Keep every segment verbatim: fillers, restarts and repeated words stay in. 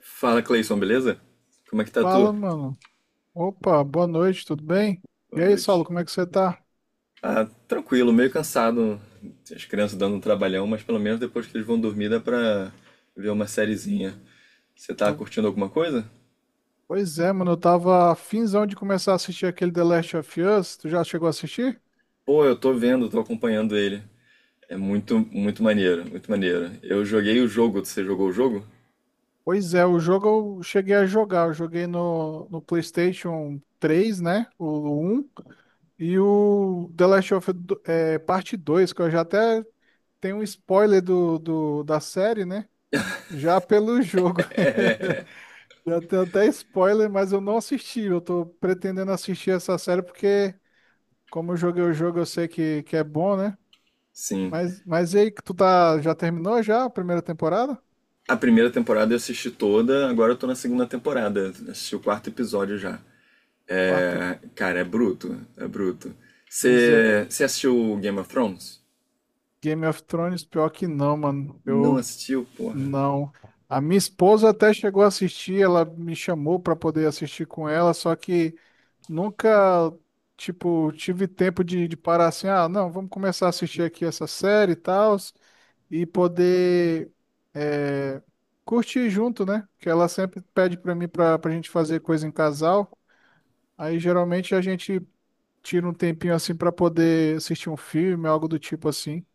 Fala, Cleison, beleza? Como é que tá Fala, tu? mano. Opa, boa noite, tudo bem? E Boa aí, Saulo, noite. como é que você tá? Ah, tranquilo, meio cansado. As crianças dando um trabalhão, mas pelo menos depois que eles vão dormir dá pra ver uma sériezinha. Você tá Po- curtindo alguma coisa? Pois é, mano, eu tava finzão de começar a assistir aquele The Last of Us. Tu já chegou a assistir? Pô, eu tô vendo, tô acompanhando ele. É muito, muito maneiro, muito maneiro. Eu joguei o jogo, você jogou o jogo? Pois é, o jogo eu cheguei a jogar. Eu joguei no, no PlayStation três, né? O um. E o The Last of Us do- é, parte dois, que eu já até tenho um spoiler do, do, da série, né? Já pelo jogo. Já tem até spoiler, mas eu não assisti. Eu tô pretendendo assistir essa série porque, como eu joguei o jogo, eu sei que, que é bom, né? Sim. Mas, mas e aí, que tu tá, já terminou já a primeira temporada? A primeira temporada eu assisti toda, agora eu tô na segunda temporada. Assisti o quarto episódio já. Quarta É, cara, é bruto, é bruto. coisa. Você, você assistiu Game of Thrones? Game of Thrones, pior que não, mano. Não Eu assistiu, porra. não. A minha esposa até chegou a assistir, ela me chamou pra poder assistir com ela, só que nunca, tipo, tive tempo de, de parar assim, ah, não, vamos começar a assistir aqui essa série e tal. E poder é, curtir junto, né? Que ela sempre pede pra mim pra, pra gente fazer coisa em casal. Aí geralmente a gente tira um tempinho assim pra poder assistir um filme, algo do tipo assim.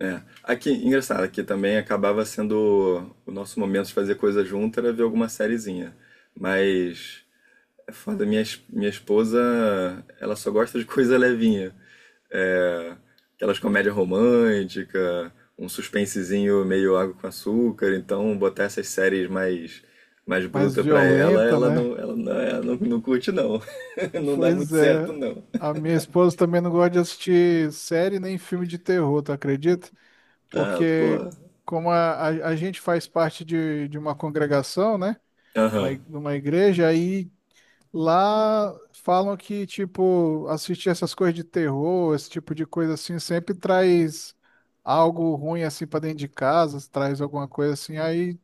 É. Aqui, engraçado, aqui também acabava sendo o nosso momento de fazer coisa junto era ver alguma sériezinha. Mas é foda, minha, es- minha esposa, ela só gosta de coisa levinha. É, aquelas comédia romântica, um suspensezinho meio água com açúcar, então botar essas séries mais mais Mais bruta pra ela, violenta, ela né? não, ela não, ela não, não curte não. Não dá Pois muito certo é. não. A minha esposa também não gosta de assistir série nem filme de terror, tu acredita? Ah, Porque pô. como a, a, a gente faz parte de, de uma congregação, né? Uma, Aham, i- de uma igreja, aí lá falam que, tipo, assistir essas coisas de terror, esse tipo de coisa assim, sempre traz algo ruim assim para dentro de casa, traz alguma coisa assim. Aí,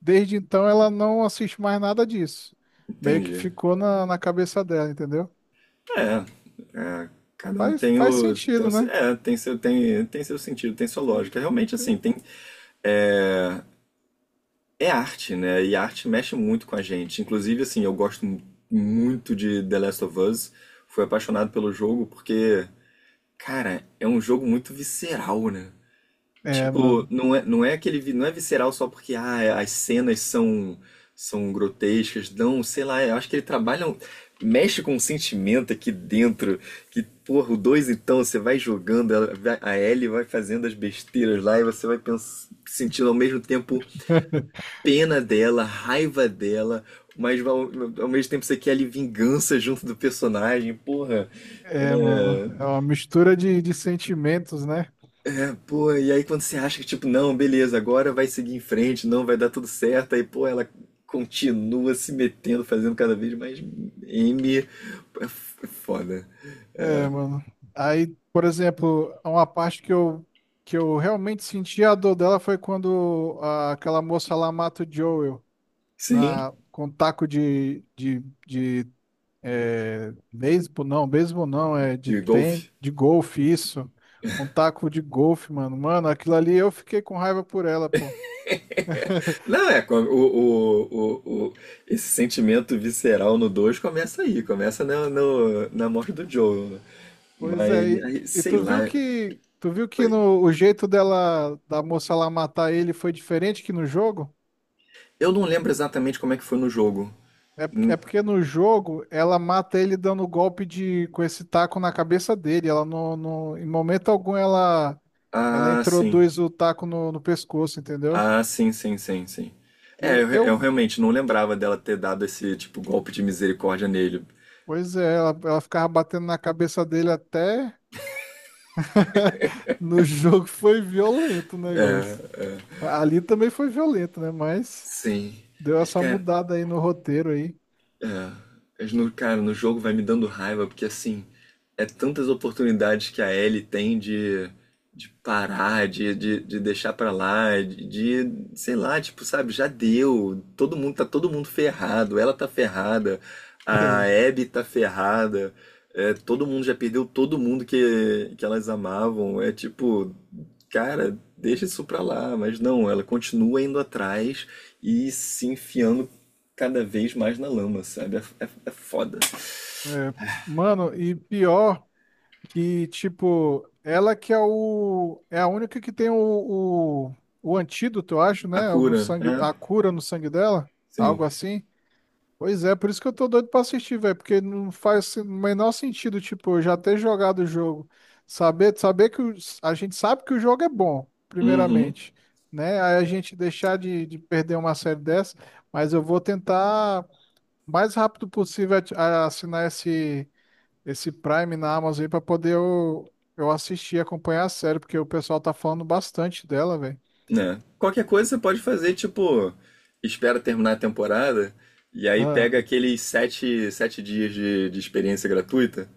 desde então, ela não assiste mais nada disso. Meio que entendi. ficou na, na cabeça dela, entendeu? É, é, cada um Faz, tem faz o, tem o- sentido, né? é, tem seu, tem, tem seu sentido, tem sua Tem, lógica. Realmente, assim, tem... tem, é arte, né? E a arte mexe muito com a gente. Inclusive, assim, eu gosto mu- muito de The Last of Us. Fui apaixonado pelo jogo porque, cara, é um jogo muito visceral, né? É, Tipo, mano. não é, não é aquele, vi- não é visceral só porque ah, as cenas são são grotescas, não, sei lá, eu acho que ele trabalha, um- mexe com um sentimento aqui dentro, que porra, o dois então, você vai jogando, ela vai- a Ellie vai fazendo as besteiras lá e você vai pens- sentindo ao mesmo tempo pena dela, raiva dela, mas ao, ao mesmo tempo você quer ali vingança junto do personagem, porra. É, mano, É, é uma mistura de, de sentimentos, né? é, pô, e aí quando você acha que, tipo, não, beleza, agora vai seguir em frente, não, vai dar tudo certo, aí, pô, ela continua se metendo, fazendo cada vez mais M. É f- é foda. É, É, mano. Aí, por exemplo, uma parte que eu, que eu realmente senti a dor dela foi quando a- aquela moça lá mata o Joel sim, na, com taco de, de, de é, beisebol, não, beisebol não, é de, de ten, golfe. de golfe, isso. Com taco de golfe, mano. Mano, aquilo ali eu fiquei com raiva por ela, pô. Não, é, com- o, o, o, o- esse sentimento visceral no dois começa aí, começa na, no- na morte do Joel, né? Pois é, Mas, e, aí, e sei tu viu lá, que tu viu que foi. no, o jeito dela da moça lá matar ele foi diferente que no jogo? Eu não lembro exatamente como é que foi no jogo. É, porque- Hum. é porque no jogo ela mata ele dando golpe de com esse taco na cabeça dele. Ela não, não- em momento algum ela ela Ah, sim. introduz o taco no, no pescoço, entendeu? Ah, sim, sim, sim, sim. É, eu, Eu, re- eu eu realmente não lembrava dela ter dado esse tipo golpe de misericórdia nele. pois é, ela, ela ficava batendo na cabeça dele até no jogo foi violento o negócio. Ali também foi violento, né? Mas Sim. deu essa mudada aí no roteiro aí. É, mas no, cara, no jogo vai me dando raiva, porque assim, é tantas oportunidades que a Ellie tem de, de parar, de, de, de deixar pra lá, de, de, sei lá, tipo, sabe, já deu. Todo mundo, tá todo mundo ferrado, ela tá ferrada, a Abby tá ferrada, é, todo mundo já perdeu todo mundo que, que elas amavam. É tipo, cara, deixa isso pra lá, mas não, ela continua indo atrás e se enfiando cada vez mais na lama, sabe? É, é, é foda. É, é. Mano, e pior que, tipo, ela que é o. É a única que tem o, o, o antídoto, eu acho, A né? O no cura, sangue, é? a cura no sangue dela, Sim. algo assim. Pois é, por isso que eu tô doido pra assistir, velho, porque não faz o menor sentido, tipo, eu já ter jogado o jogo, saber, saber que o- a gente sabe que o jogo é bom, Uhum. primeiramente, né? Aí a gente deixar de, de perder uma série dessa, mas eu vou tentar o mais rápido possível ati- a- assinar esse esse Prime na Amazon aí para poder eu, eu assistir, acompanhar a série, porque o pessoal tá falando bastante dela, velho. Né? Qualquer coisa você pode fazer, tipo, espera terminar a temporada e aí Ah, pega aqueles sete, sete dias de, de experiência gratuita.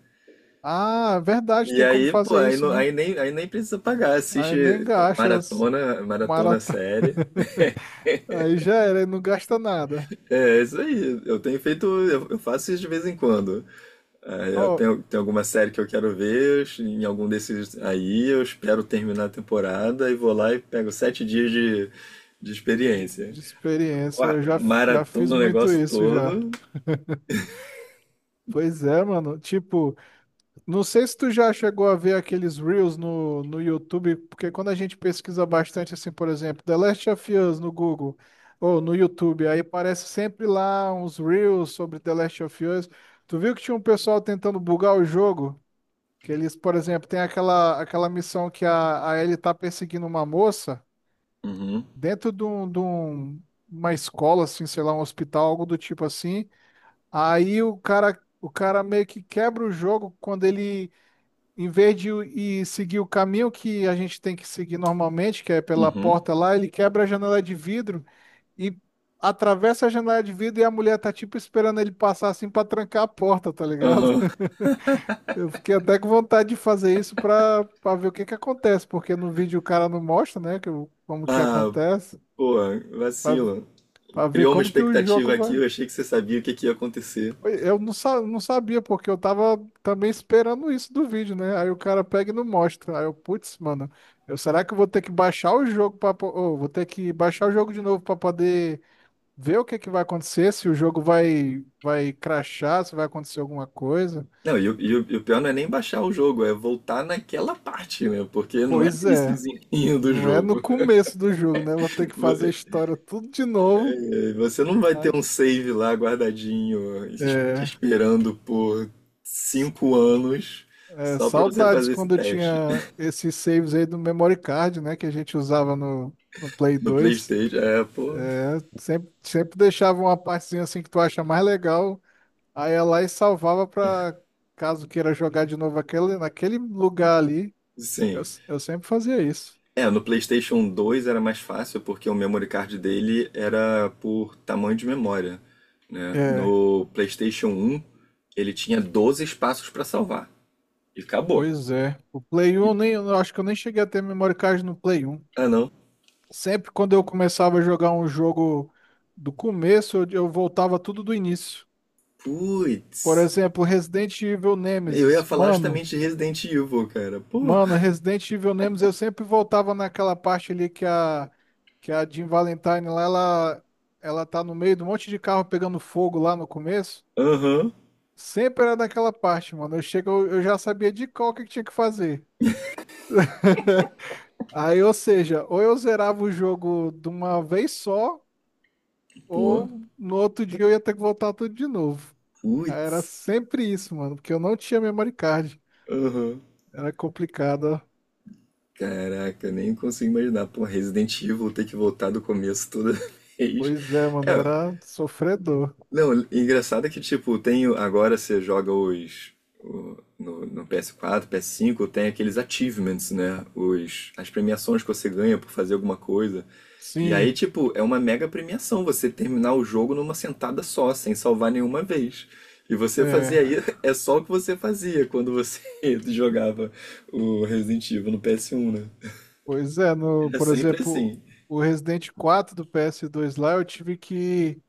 Ah, verdade, E tem como aí, pô, fazer aí, isso, não- né? aí, nem, aí nem precisa pagar. Aí Assiste eu nem gasta. maratona, maratona Maratona. série. Aí já era, não gasta nada. É, é isso aí. Eu tenho feito, eu, eu faço isso de vez em quando. Aí eu Ó, tenho, tem alguma série que eu quero ver, em algum desses aí eu espero terminar a temporada e vou lá e pego sete dias de, de experiência. de experiência, Uá, eu já, já fiz maratona o muito negócio isso já. todo. Pois é, mano. Tipo, não sei se tu já chegou a ver aqueles Reels no, no YouTube, porque quando a gente pesquisa bastante, assim, por exemplo, The Last of Us no Google ou no YouTube, aí parece sempre lá uns Reels sobre The Last of Us. Tu viu que tinha um pessoal tentando bugar o jogo? Que eles, por exemplo, tem aquela, aquela missão que a, a Ellie tá perseguindo uma moça. Uhum, dentro de, um, de um- uma escola, assim, sei lá, um hospital, algo do tipo assim. Aí o cara, o cara meio que quebra o jogo quando ele, em vez de ir seguir o caminho que a gente tem que seguir normalmente, que é pela uhum, porta lá, ele quebra a janela de vidro e atravessa a janela de vidro e a mulher tá tipo esperando ele passar assim pra trancar a porta, tá ligado? uhum. Eu fiquei até com vontade de fazer isso pra, pra ver o que que acontece, porque no vídeo o cara não mostra, né, que, o- como que Ah, acontece. pô, vacilo. Pra ver Criou uma como que o expectativa jogo aqui, vai. eu achei que você sabia o que, que ia acontecer. Eu não, sa- não sabia, porque eu tava também esperando isso do vídeo, né? Aí o cara pega e não mostra. Aí eu, putz, mano, eu, será que eu vou ter que baixar o jogo para vou ter que baixar o jogo de novo pra poder ver o que que vai acontecer, se o jogo vai vai crashar, se vai acontecer alguma coisa. Não, e, o- e, o e o pior não é nem baixar o jogo, é voltar naquela parte, né? Porque não é no Pois é, iniciozinho do não é no jogo. começo do jogo, né? Eu vou ter que fazer a história tudo de novo. É, você não vai ter Aí- um save lá guardadinho, es- te É. esperando por cinco anos É, só pra você saudades fazer esse quando eu teste. tinha esses saves aí do memory card, né? Que a gente usava no, no Play No dois. PlayStation, é, pô, É, sempre, sempre deixava uma partezinha assim que tu acha mais legal. Aí ia lá e salvava pra caso queira jogar de novo aquele, naquele lugar ali. Eu, sim. s- eu sempre fazia isso. É, no PlayStation dois era mais fácil porque o memory card dele era por tamanho de memória, né? É, No PlayStation um ele tinha doze espaços pra salvar e acabou. pois é. O Play um, eu nem, eu acho que eu nem cheguei a ter memory card no Play um. Ah, não. Sempre quando eu começava a jogar um jogo do começo, eu, eu voltava tudo do início. Putz. Por exemplo, Resident Evil Eu ia Nemesis. falar Mano, justamente de Resident Evil, cara. Pô. mano, Resident Evil Nemesis, eu sempre voltava naquela parte ali que a que a Jill Valentine lá, ela ela tá no meio de um monte de carro pegando fogo lá no começo. Aham. Sempre era naquela parte, mano. Eu chego, eu eu já sabia de qual que tinha que fazer. Aí, ou seja, ou eu zerava o jogo de uma vez só, Pô. ou no outro dia eu ia ter que voltar tudo de novo. Aí era Putz, sempre isso, mano, porque eu não tinha memory card. aham. Era complicado. Caraca, nem consigo imaginar. Pô, Resident Evil ter que voltar do começo toda vez. Pois é, É, mano, era sofredor. não, engraçado é que, tipo, tem o- agora você joga os. O- no, no P S quatro, P S cinco, tem aqueles achievements, né? Os, as premiações que você ganha por fazer alguma coisa. E Sim, aí, tipo, é uma mega premiação você terminar o jogo numa sentada só, sem salvar nenhuma vez. E você fazia é. aí, é só o que você fazia quando você jogava o Resident Evil no P S um, né? Pois é, no, Era por sempre exemplo, assim. o Resident quatro do P S dois lá, eu tive que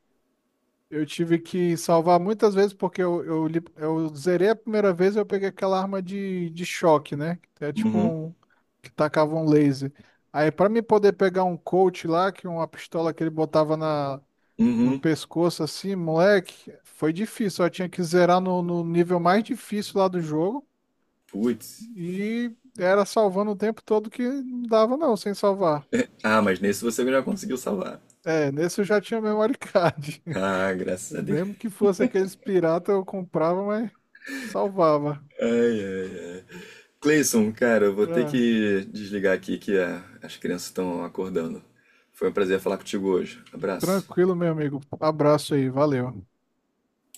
eu tive que salvar muitas vezes porque eu, eu, li- eu zerei a primeira vez e eu peguei aquela arma de, de choque, né? Que é tipo Uhum, um que tacava um laser. Aí pra mim poder pegar um coach lá, que é uma pistola que ele botava na no uhum, pescoço assim, moleque, foi difícil. Eu tinha que zerar no, no nível mais difícil lá do jogo. putz. E era salvando o tempo todo que não dava, não, sem salvar. Ah, mas nesse você já conseguiu salvar. É, nesse eu já tinha memory card. Ah, graças a Deus. Mesmo que fosse aqueles pirata, eu comprava, mas salvava. Ai, ai, ai. Cleison, cara, eu vou ter É, que desligar aqui que a- as crianças estão acordando. Foi um prazer falar contigo hoje. Abraço. tranquilo, meu amigo. Abraço aí, valeu.